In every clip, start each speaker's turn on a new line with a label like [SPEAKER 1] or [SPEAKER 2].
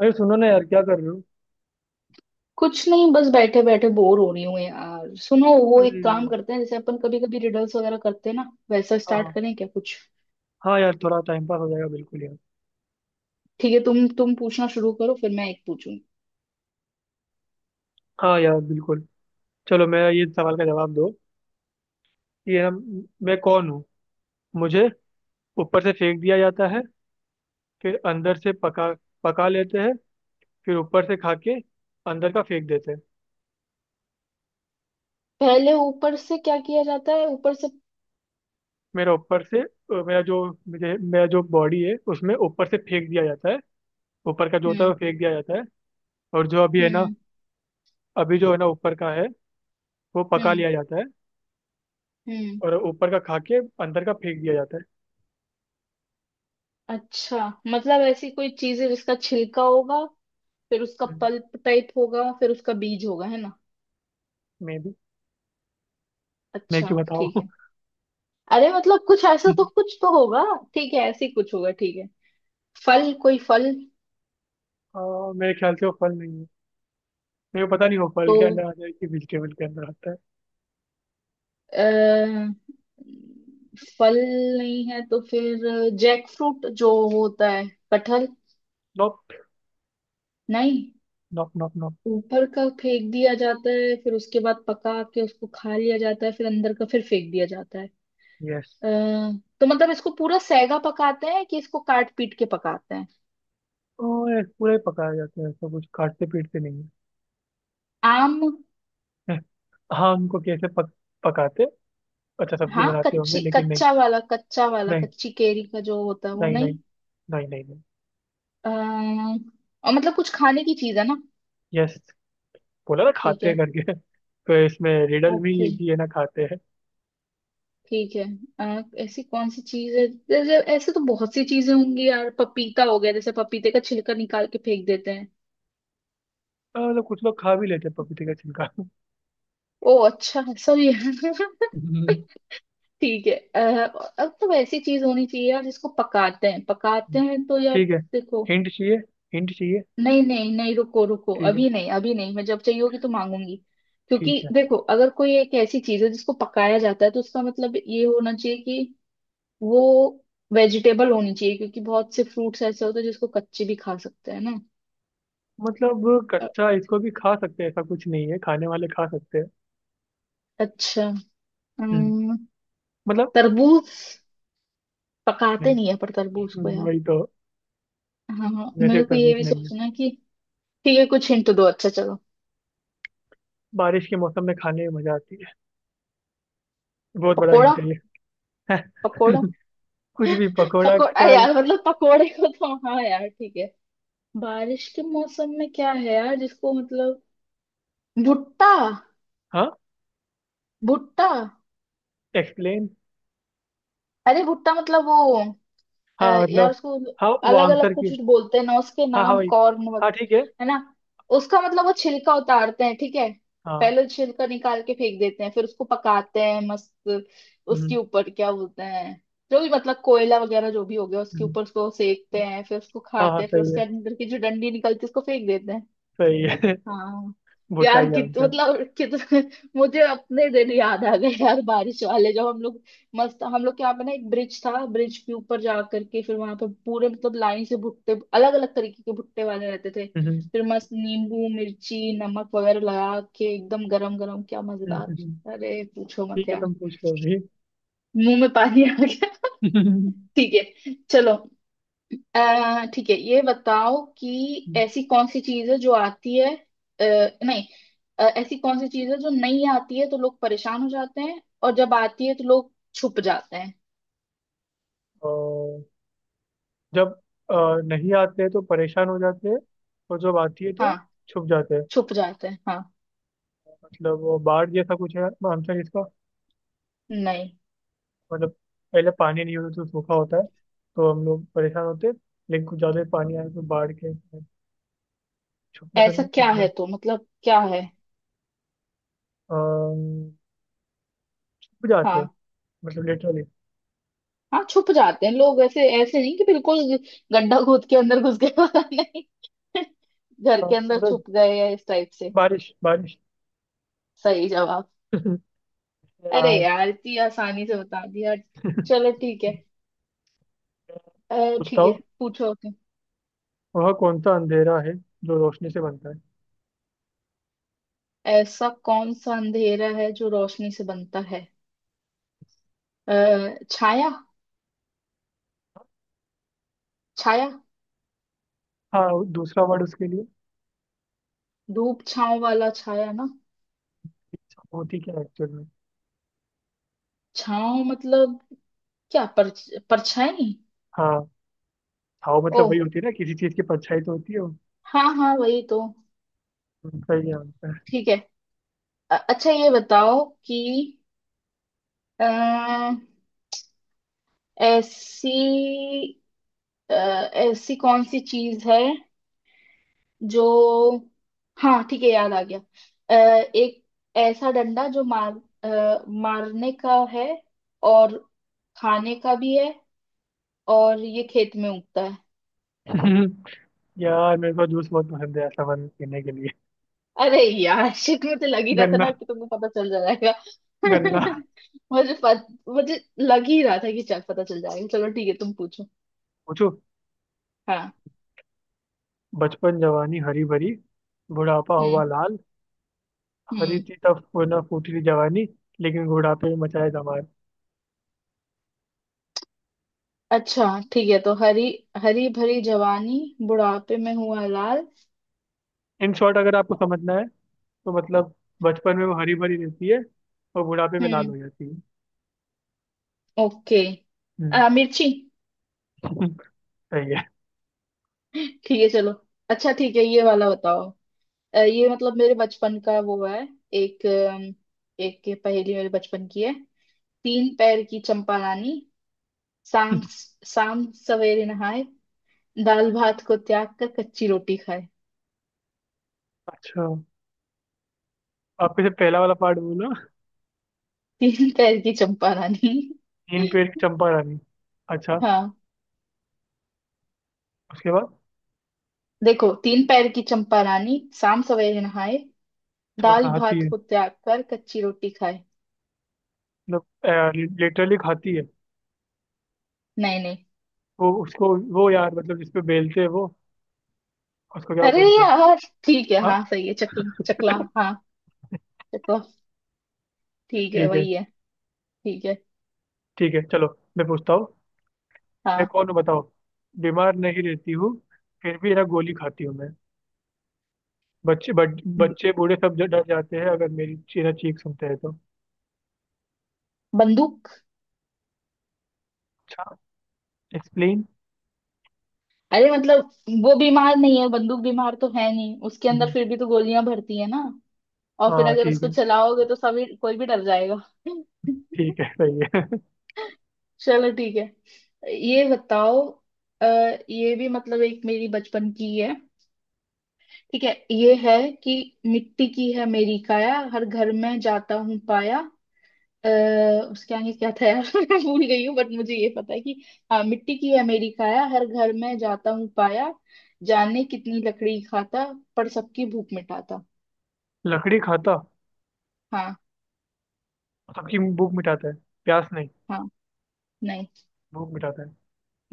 [SPEAKER 1] अरे सुनो ना यार, क्या कर रहे हो?
[SPEAKER 2] कुछ नहीं, बस बैठे बैठे बोर हो रही हूँ यार। सुनो, वो एक
[SPEAKER 1] अरे।
[SPEAKER 2] काम करते हैं, जैसे अपन कभी कभी रिडल्स वगैरह करते हैं ना, वैसा
[SPEAKER 1] हाँ
[SPEAKER 2] स्टार्ट
[SPEAKER 1] हाँ।
[SPEAKER 2] करें क्या कुछ।
[SPEAKER 1] हाँ यार, थोड़ा टाइम पास हो जाएगा, बिल्कुल यार।
[SPEAKER 2] ठीक है, तुम पूछना शुरू करो, फिर मैं एक पूछूंगी।
[SPEAKER 1] हाँ यार बिल्कुल। चलो, मेरा ये सवाल का जवाब दो कि ये ना, मैं कौन हूँ। मुझे ऊपर से फेंक दिया जाता है, फिर अंदर से पका पका लेते हैं, फिर ऊपर से खा के अंदर का फेंक देते हैं।
[SPEAKER 2] पहले ऊपर से क्या किया जाता है? ऊपर से?
[SPEAKER 1] मेरा ऊपर से मेरा जो बॉडी है उसमें ऊपर से फेंक दिया जाता है। ऊपर का जो होता है
[SPEAKER 2] हम्म।
[SPEAKER 1] वो फेंक दिया जाता है। और जो अभी है ना,
[SPEAKER 2] हम्म।
[SPEAKER 1] अभी जो है ना ऊपर का है, वो पका
[SPEAKER 2] हम्म।
[SPEAKER 1] लिया जाता है।
[SPEAKER 2] हम्म।
[SPEAKER 1] और ऊपर का खा के अंदर का फेंक दिया जाता है।
[SPEAKER 2] अच्छा। मतलब ऐसी कोई चीज है जिसका छिलका होगा, फिर उसका
[SPEAKER 1] हम्म।
[SPEAKER 2] पल्प टाइप होगा, फिर उसका बीज होगा, है ना।
[SPEAKER 1] मे भी। मैं
[SPEAKER 2] अच्छा
[SPEAKER 1] क्यों
[SPEAKER 2] ठीक
[SPEAKER 1] बताऊँ?
[SPEAKER 2] है। अरे मतलब कुछ ऐसा तो, कुछ तो होगा। ठीक है, ऐसी कुछ होगा। ठीक है, फल, कोई फल।
[SPEAKER 1] हाँ मेरे ख्याल से वो फल नहीं है। मेरे को पता नहीं वो
[SPEAKER 2] तो
[SPEAKER 1] फल के अंदर आता है कि वेजिटेबल के अंदर आता है।
[SPEAKER 2] अ, फल नहीं है तो फिर जैक फ्रूट जो होता है, कटहल।
[SPEAKER 1] नॉप।
[SPEAKER 2] नहीं।
[SPEAKER 1] नॉप नॉप नॉप।
[SPEAKER 2] ऊपर का फेंक दिया जाता है, फिर उसके बाद पका के उसको खा लिया जाता है, फिर अंदर का फिर फेंक दिया जाता है।
[SPEAKER 1] यस।
[SPEAKER 2] अ, तो मतलब इसको पूरा सेगा पकाते हैं कि इसको काट पीट के पकाते हैं?
[SPEAKER 1] और पूरा ही पकाया जाता है, ऐसा कुछ काटते पीटते नहीं
[SPEAKER 2] आम।
[SPEAKER 1] है। हाँ उनको कैसे पकाते? अच्छा सब्जी
[SPEAKER 2] हाँ,
[SPEAKER 1] बनाते होंगे,
[SPEAKER 2] कच्ची,
[SPEAKER 1] लेकिन नहीं।
[SPEAKER 2] कच्चा वाला
[SPEAKER 1] नहीं।
[SPEAKER 2] कच्ची केरी का जो होता है वो,
[SPEAKER 1] नहीं नहीं।
[SPEAKER 2] नहीं।
[SPEAKER 1] नहीं नहीं नहीं।
[SPEAKER 2] आ, और मतलब कुछ खाने की चीज है ना।
[SPEAKER 1] यस। बोला ना,
[SPEAKER 2] ठीक
[SPEAKER 1] खाते
[SPEAKER 2] है।
[SPEAKER 1] हैं करके। तो इसमें रिडल भी
[SPEAKER 2] ओके।
[SPEAKER 1] ये कि ये ना खाते हैं।
[SPEAKER 2] ठीक है, ऐसी कौन सी चीज है? जैसे ऐसे तो बहुत सी चीजें होंगी यार, पपीता हो गया, जैसे पपीते का छिलका निकाल के फेंक देते हैं।
[SPEAKER 1] हाँ, मतलब कुछ लोग खा भी लेते हैं पपीते का छिलका।
[SPEAKER 2] ओ अच्छा, सॉरी। ठीक है। अब तो ऐसी चीज होनी चाहिए यार जिसको पकाते हैं, पकाते हैं तो यार।
[SPEAKER 1] ठीक है।
[SPEAKER 2] देखो।
[SPEAKER 1] हिंट चाहिए, हिंट चाहिए।
[SPEAKER 2] नहीं नहीं नहीं, रुको रुको,
[SPEAKER 1] ठीक है।
[SPEAKER 2] अभी नहीं अभी नहीं। मैं जब चाहिए होगी तो मांगूंगी। क्योंकि
[SPEAKER 1] ठीक है।
[SPEAKER 2] देखो, अगर कोई एक ऐसी चीज है जिसको पकाया जाता है, तो उसका मतलब ये होना चाहिए, वो वेजिटेबल होनी चाहिए, क्योंकि बहुत से फ्रूट्स ऐसे होते हैं जिसको कच्चे भी खा सकते हैं ना।
[SPEAKER 1] मतलब
[SPEAKER 2] अ-
[SPEAKER 1] कच्चा इसको भी खा सकते हैं ऐसा कुछ नहीं है, खाने वाले खा सकते हैं।
[SPEAKER 2] अच्छा।
[SPEAKER 1] हम्म,
[SPEAKER 2] अम,
[SPEAKER 1] मतलब।
[SPEAKER 2] तरबूज? पकाते
[SPEAKER 1] नहीं।
[SPEAKER 2] नहीं है पर तरबूज को यार।
[SPEAKER 1] वही तो।
[SPEAKER 2] हाँ हाँ,
[SPEAKER 1] वैसे
[SPEAKER 2] मेरे को ये
[SPEAKER 1] तरबूज
[SPEAKER 2] भी
[SPEAKER 1] नहीं है।
[SPEAKER 2] सोचना है कि। ठीक है, कुछ हिंट दो। अच्छा चलो।
[SPEAKER 1] बारिश के मौसम में खाने में मजा आती है, बहुत बड़ा
[SPEAKER 2] पकोड़ा?
[SPEAKER 1] हिंट है ये।
[SPEAKER 2] पकोड़ा।
[SPEAKER 1] कुछ भी पकोड़ा
[SPEAKER 2] पकोड़ा
[SPEAKER 1] का।
[SPEAKER 2] यार मतलब, पकोड़े को तो हाँ यार, ठीक है। बारिश के मौसम में क्या है यार, जिसको मतलब। भुट्टा।
[SPEAKER 1] हाँ।
[SPEAKER 2] भुट्टा।
[SPEAKER 1] एक्सप्लेन।
[SPEAKER 2] अरे भुट्टा मतलब वो, अ,
[SPEAKER 1] हाँ
[SPEAKER 2] यार
[SPEAKER 1] मतलब।
[SPEAKER 2] उसको
[SPEAKER 1] हाँ वो
[SPEAKER 2] अलग अलग
[SPEAKER 1] आंसर
[SPEAKER 2] कुछ
[SPEAKER 1] की।
[SPEAKER 2] कुछ बोलते हैं ना उसके
[SPEAKER 1] हाँ हाँ
[SPEAKER 2] नाम,
[SPEAKER 1] वही।
[SPEAKER 2] कॉर्न वग-।
[SPEAKER 1] हाँ ठीक है।
[SPEAKER 2] है ना। उसका मतलब वो छिलका उतारते हैं, ठीक है।
[SPEAKER 1] हाँ।
[SPEAKER 2] पहले छिलका निकाल के फेंक देते हैं, फिर उसको पकाते हैं मस्त।
[SPEAKER 1] हम्म,
[SPEAKER 2] उसके ऊपर क्या बोलते हैं, जो भी मतलब कोयला वगैरह जो भी हो गया, उसके
[SPEAKER 1] हम्म।
[SPEAKER 2] ऊपर उसको सेकते हैं, फिर उसको
[SPEAKER 1] हाँ हाँ
[SPEAKER 2] खाते हैं, फिर
[SPEAKER 1] सही है।
[SPEAKER 2] उसके अंदर की जो डंडी निकलती है उसको फेंक देते हैं।
[SPEAKER 1] सही है।
[SPEAKER 2] हाँ।
[SPEAKER 1] भुट्टा
[SPEAKER 2] यार
[SPEAKER 1] ही
[SPEAKER 2] कित
[SPEAKER 1] आंसर।
[SPEAKER 2] मतलब कितना। मुझे अपने दिन याद आ गए यार, बारिश वाले, जब हम लोग मस्त। हम लोग के यहाँ पे ना एक ब्रिज था, ब्रिज के ऊपर जा करके फिर वहां पे पूरे मतलब लाइन से भुट्टे, अलग अलग तरीके के भुट्टे वाले रहते थे।
[SPEAKER 1] हम्म।
[SPEAKER 2] फिर मस्त नींबू मिर्ची नमक वगैरह लगा के, एकदम गरम गरम, क्या मजेदार।
[SPEAKER 1] हम्म।
[SPEAKER 2] अरे पूछो मत
[SPEAKER 1] ठीक है,
[SPEAKER 2] यार।
[SPEAKER 1] तुम पूछ लो अभी।
[SPEAKER 2] मुंह में पानी आ गया। ठीक है चलो। ठीक है ये बताओ कि ऐसी कौन सी चीज है जो आती है, नहीं, ऐसी कौन सी चीज है जो नहीं आती है तो लोग परेशान हो जाते हैं, और जब आती है तो लोग छुप जाते हैं।
[SPEAKER 1] ओ। जब अ, नहीं आते हैं तो परेशान हो जाते हैं, और जब आती है
[SPEAKER 2] हाँ।
[SPEAKER 1] तो छुप जाते हैं।
[SPEAKER 2] छुप जाते हैं, हाँ।
[SPEAKER 1] मतलब वो बाढ़ जैसा कुछ है आंसर इसका?
[SPEAKER 2] नहीं।
[SPEAKER 1] मतलब पहले पानी नहीं होता तो सूखा होता है, तो हम लोग परेशान होते हैं, लेकिन कुछ ज्यादा पानी आए तो बाढ़ के छुपते तो
[SPEAKER 2] ऐसा
[SPEAKER 1] नहीं
[SPEAKER 2] क्या है
[SPEAKER 1] मतलब।
[SPEAKER 2] तो, मतलब क्या है।
[SPEAKER 1] अम, छुप जाते हैं,
[SPEAKER 2] हाँ।
[SPEAKER 1] मतलब लिटरली।
[SPEAKER 2] हाँ, छुप जाते हैं लोग, ऐसे ऐसे नहीं कि बिल्कुल गड्ढा खोद के अंदर घुस गए पता नहीं, घर के अंदर
[SPEAKER 1] सूरज?
[SPEAKER 2] छुप गए या इस टाइप से।
[SPEAKER 1] बारिश बारिश।
[SPEAKER 2] सही जवाब।
[SPEAKER 1] या
[SPEAKER 2] अरे यार इतनी आसानी से बता दिया। चलो ठीक है। अ,
[SPEAKER 1] पूछता
[SPEAKER 2] ठीक है,
[SPEAKER 1] हूँ।
[SPEAKER 2] पूछो। ओके।
[SPEAKER 1] वह कौन सा अंधेरा है जो रोशनी से बनता है?
[SPEAKER 2] ऐसा कौन सा अंधेरा है जो रोशनी से बनता है? अ, छाया। छाया।
[SPEAKER 1] हाँ दूसरा वर्ड उसके लिए?
[SPEAKER 2] धूप छांव वाला छाया ना।
[SPEAKER 1] होती क्या है एक्चुअल में?
[SPEAKER 2] छांव मतलब। क्या, पर परछाई।
[SPEAKER 1] हाँ। हाँ
[SPEAKER 2] ओ।
[SPEAKER 1] मतलब वही होती है ना, किसी चीज की परछाई तो होती है।
[SPEAKER 2] हाँ हाँ, वही तो।
[SPEAKER 1] उनका ही होता है।
[SPEAKER 2] ठीक है। अच्छा ये बताओ कि, अ, ऐसी, ऐसी कौन सी चीज है जो, हाँ ठीक है याद आ गया। अ, एक ऐसा डंडा जो मार, मारने का है, और खाने का भी है, और ये खेत में उगता है।
[SPEAKER 1] यार मेरे को जूस बहुत पसंद है ऐसा बन पीने के लिए।
[SPEAKER 2] अरे यार शिट, मुझे लग ही रहा था
[SPEAKER 1] गन्ना।
[SPEAKER 2] ना कि तुमको पता चल जाएगा।
[SPEAKER 1] गन्ना।
[SPEAKER 2] मुझे लग ही रहा था कि चल पता चल जाएगा। चलो ठीक है, तुम पूछो।
[SPEAKER 1] पूछो।
[SPEAKER 2] हाँ।
[SPEAKER 1] बचपन जवानी हरी भरी, बुढ़ापा
[SPEAKER 2] हम्म।
[SPEAKER 1] हुआ लाल। हरी
[SPEAKER 2] हम्म।
[SPEAKER 1] थी तब, ना फूटी थी जवानी, लेकिन बुढ़ापे में मचाया धमाल।
[SPEAKER 2] अच्छा ठीक है, तो हरी हरी भरी जवानी, बुढ़ापे में हुआ लाल।
[SPEAKER 1] इन शॉर्ट अगर आपको समझना है, तो मतलब बचपन में वो हरी भरी रहती है और बुढ़ापे में लाल
[SPEAKER 2] हम्म।
[SPEAKER 1] हो जाती है।
[SPEAKER 2] ओके।
[SPEAKER 1] हम्म।
[SPEAKER 2] मिर्ची।
[SPEAKER 1] सही है।
[SPEAKER 2] ठीक है चलो। अच्छा ठीक है, ये वाला बताओ। ये मतलब मेरे बचपन का वो है। एक अम, एक पहेली मेरे बचपन की है। तीन पैर की चंपा रानी, शाम शाम सवेरे नहाए, दाल भात को त्याग कर कच्ची रोटी खाए।
[SPEAKER 1] अच्छा। आपके से पहला वाला पार्ट बोला।
[SPEAKER 2] तीन पैर की चंपा रानी।
[SPEAKER 1] तीन पेड़ की चंपा रानी। अच्छा।
[SPEAKER 2] हाँ।
[SPEAKER 1] उसके बाद?
[SPEAKER 2] देखो, तीन पैर की चंपा रानी शाम सवेरे नहाए,
[SPEAKER 1] हाँ
[SPEAKER 2] दाल
[SPEAKER 1] नहाती
[SPEAKER 2] भात
[SPEAKER 1] है,
[SPEAKER 2] को त्याग कर कच्ची रोटी खाए।
[SPEAKER 1] मतलब लिटरली खाती है?
[SPEAKER 2] नहीं नहीं।
[SPEAKER 1] वो उसको वो यार, मतलब जिसपे बेलते हैं वो, उसको क्या
[SPEAKER 2] अरे
[SPEAKER 1] बोलते हैं?
[SPEAKER 2] यार। ठीक है
[SPEAKER 1] हाँ।
[SPEAKER 2] हाँ सही है, चकला चकला। हाँ। चकला। ठीक है,
[SPEAKER 1] ठीक है।
[SPEAKER 2] वही है। ठीक है।
[SPEAKER 1] ठीक है चलो, मैं पूछता हूँ। मैं
[SPEAKER 2] हाँ।
[SPEAKER 1] कौन हूँ बताओ। बीमार नहीं रहती हूँ, फिर भी ना गोली खाती हूँ मैं। बच्चे बूढ़े सब डर जाते हैं अगर मेरी चीना चीख सुनते हैं तो।
[SPEAKER 2] बंदूक।
[SPEAKER 1] अच्छा। एक्सप्लेन।
[SPEAKER 2] अरे मतलब वो, बीमार नहीं है बंदूक, बीमार तो है नहीं उसके अंदर, फिर भी तो गोलियां भरती है ना। और फिर
[SPEAKER 1] हाँ
[SPEAKER 2] अगर
[SPEAKER 1] ठीक
[SPEAKER 2] उसको
[SPEAKER 1] है।
[SPEAKER 2] चलाओगे तो सभी, कोई भी डर जाएगा।
[SPEAKER 1] ठीक है सही है।
[SPEAKER 2] चलो ठीक है, ये बताओ। आ, ये भी मतलब एक मेरी बचपन की है। ठीक है, ये है कि, मिट्टी की है मेरी काया, हर घर में जाता हूँ पाया। अ, उसके आगे क्या था यार? मैं भूल गई हूँ, बट मुझे ये पता है कि, हाँ, मिट्टी की अमेरिका या हर घर में जाता हूँ पाया, जाने कितनी लकड़ी खाता, पर सबकी भूख मिटाता।
[SPEAKER 1] लकड़ी खाता?
[SPEAKER 2] हाँ।
[SPEAKER 1] सबकी भूख मिटाता है? प्यास नहीं?
[SPEAKER 2] हाँ। नहीं।
[SPEAKER 1] भूख मिटाता है,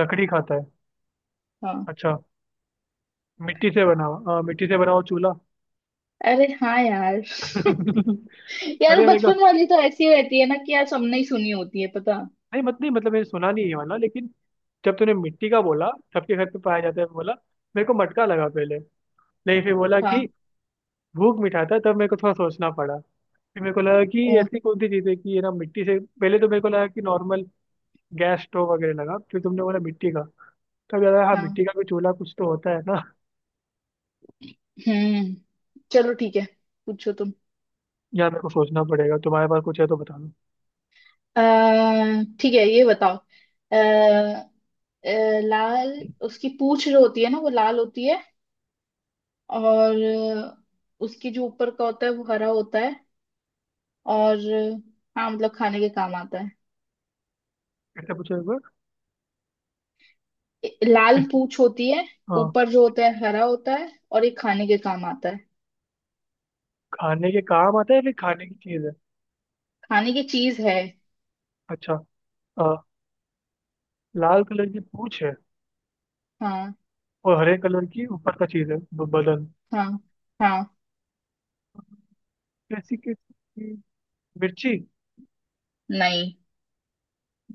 [SPEAKER 1] लकड़ी खाता है?
[SPEAKER 2] हाँ।
[SPEAKER 1] अच्छा। मिट्टी से बना हुआ- हाँ मिट्टी से बना हुआ चूल्हा।
[SPEAKER 2] अरे हाँ यार। यार
[SPEAKER 1] अरे मेरे को।
[SPEAKER 2] बचपन वाली तो ऐसी रहती है ना कि यार, सबने ही सुनी होती है पता।
[SPEAKER 1] नहीं मत नहीं मतलब मैंने सुना नहीं ये वाला, लेकिन जब तूने मिट्टी का बोला, सबके घर पे पाया जाता है बोला, मेरे को मटका लगा पहले। नहीं, फिर बोला
[SPEAKER 2] हाँ।
[SPEAKER 1] कि भूख मिठाता, तब मेरे को थोड़ा सोचना पड़ा। फिर मेरे को लगा कि
[SPEAKER 2] ओ।
[SPEAKER 1] ऐसी कौन सी चीज़ है कि ये ना मिट्टी से, पहले तो मेरे को लगा कि नॉर्मल गैस स्टोव वगैरह लगा, फिर तुमने बोला मिट्टी का, तब यार हाँ
[SPEAKER 2] हाँ।
[SPEAKER 1] मिट्टी का कोई चूल्हा कुछ तो होता है ना।
[SPEAKER 2] हम्म। चलो ठीक है, पूछो तुम।
[SPEAKER 1] यार मेरे को सोचना पड़ेगा, तुम्हारे पास कुछ है तो बता दो।
[SPEAKER 2] अः ठीक है, ये बताओ। अः लाल, उसकी पूंछ जो होती है ना वो लाल होती है, और उसकी जो ऊपर का होता है वो हरा होता है, और हाँ मतलब खाने के काम आता है।
[SPEAKER 1] ऐसे पूछो एक बार।
[SPEAKER 2] लाल
[SPEAKER 1] ऐसे-
[SPEAKER 2] पूंछ होती है,
[SPEAKER 1] हाँ।
[SPEAKER 2] ऊपर जो होता है हरा होता है, और ये खाने के काम आता है।
[SPEAKER 1] खाने के काम आता है या फिर खाने की चीज़ है?
[SPEAKER 2] खाने की चीज है।
[SPEAKER 1] अच्छा। अ, लाल कलर की पूंछ है
[SPEAKER 2] हाँ।
[SPEAKER 1] और हरे कलर की ऊपर का चीज है बदन?
[SPEAKER 2] हाँ। हाँ।
[SPEAKER 1] कैसी कैसी। मिर्ची?
[SPEAKER 2] नहीं।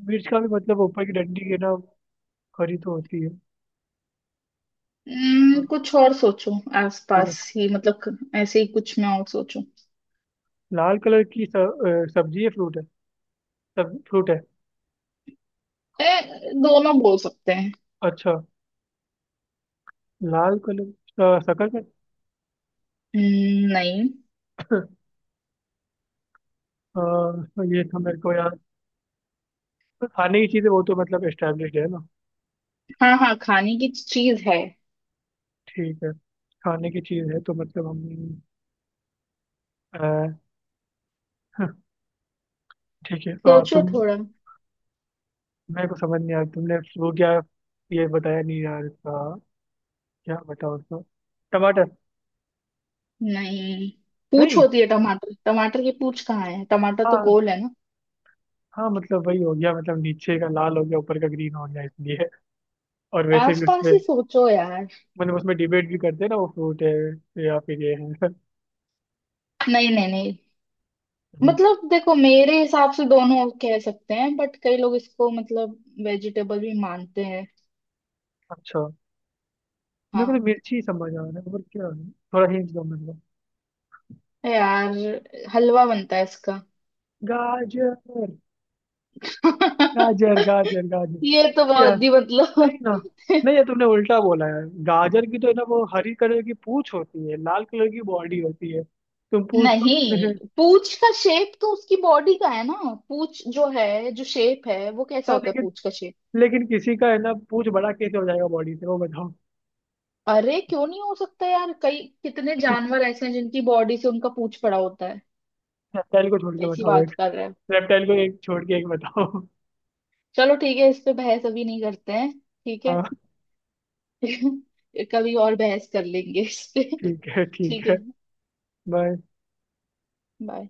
[SPEAKER 1] मिर्च का भी मतलब ऊपर की डंडी के ना खरी तो होती है। हाँ।
[SPEAKER 2] कुछ और सोचो।
[SPEAKER 1] ठीक है।
[SPEAKER 2] आसपास ही मतलब, ऐसे ही कुछ मैं और सोचूं।
[SPEAKER 1] लाल कलर की सब्जी है फ्रूट है? सब फ्रूट है?
[SPEAKER 2] दोनों बोल सकते हैं।
[SPEAKER 1] अच्छा। लाल कलर का शकल है।
[SPEAKER 2] नहीं।
[SPEAKER 1] अ, ये तो मेरे को याद। खाने की चीजें वो तो मतलब एस्टेब्लिश है ना।
[SPEAKER 2] हाँ। हाँ, खाने की चीज है।
[SPEAKER 1] ठीक है। खाने की चीज है तो मतलब हम अ, ठीक है।
[SPEAKER 2] सोचो
[SPEAKER 1] तुम,
[SPEAKER 2] थोड़ा।
[SPEAKER 1] मेरे को समझ नहीं आया तुमने। वो क्या? ये बताया नहीं यार इसका, क्या बताओ उसको। टमाटर?
[SPEAKER 2] नहीं। पूछ
[SPEAKER 1] नहीं?
[SPEAKER 2] होती है टमाटर। टमाटर की पूछ कहाँ है? टमाटर तो
[SPEAKER 1] हाँ।
[SPEAKER 2] गोल है ना।
[SPEAKER 1] हाँ मतलब वही हो गया, मतलब नीचे का लाल हो गया, ऊपर का ग्रीन हो गया इसलिए। और वैसे भी
[SPEAKER 2] आसपास
[SPEAKER 1] उसमें,
[SPEAKER 2] ही सोचो यार।
[SPEAKER 1] मतलब उसमें डिबेट भी करते हैं ना, वो फ्रूट है या फिर ये है।
[SPEAKER 2] नहीं नहीं नहीं।
[SPEAKER 1] हम्म।
[SPEAKER 2] मतलब देखो, मेरे हिसाब से दोनों कह सकते हैं, बट कई लोग इसको मतलब वेजिटेबल भी मानते हैं।
[SPEAKER 1] अच्छा। मेरे को
[SPEAKER 2] हाँ।
[SPEAKER 1] तो मिर्ची समझ आ रहा है, और क्या है? थोड़ा हिंट दो मेरे को।
[SPEAKER 2] यार हलवा बनता है इसका।
[SPEAKER 1] गाजर? गाजर गाजर गाजर।
[SPEAKER 2] ये तो
[SPEAKER 1] अरे यार
[SPEAKER 2] बहुत ही
[SPEAKER 1] नहीं
[SPEAKER 2] मतलब।
[SPEAKER 1] ना। नहीं यार, तुमने उल्टा बोला है। गाजर की तो है ना वो हरी कलर की पूंछ होती है, लाल कलर की बॉडी होती है। तुम पूंछ को तुमने
[SPEAKER 2] नहीं, पूछ का शेप तो उसकी बॉडी का है ना। पूछ जो है, जो शेप है वो कैसा
[SPEAKER 1] यार
[SPEAKER 2] होता है,
[SPEAKER 1] लेकिन,
[SPEAKER 2] पूछ का शेप।
[SPEAKER 1] लेकिन किसी का है ना पूंछ बड़ा कैसे हो जाएगा बॉडी से, वो बताओ।
[SPEAKER 2] अरे क्यों नहीं हो सकता यार, कई कितने जानवर ऐसे हैं जिनकी बॉडी से उनका पूंछ पड़ा होता है।
[SPEAKER 1] रेप्टाइल को छोड़ के
[SPEAKER 2] कैसी
[SPEAKER 1] बताओ
[SPEAKER 2] बात
[SPEAKER 1] एक।
[SPEAKER 2] कर रहे हो।
[SPEAKER 1] रेप्टाइल को एक छोड़ के एक बताओ।
[SPEAKER 2] चलो ठीक है, इस पे बहस अभी नहीं करते हैं। ठीक है।
[SPEAKER 1] हाँ
[SPEAKER 2] कभी और बहस कर लेंगे इस पे।
[SPEAKER 1] ठीक है। ठीक
[SPEAKER 2] ठीक है।
[SPEAKER 1] है। बाय।
[SPEAKER 2] बाय।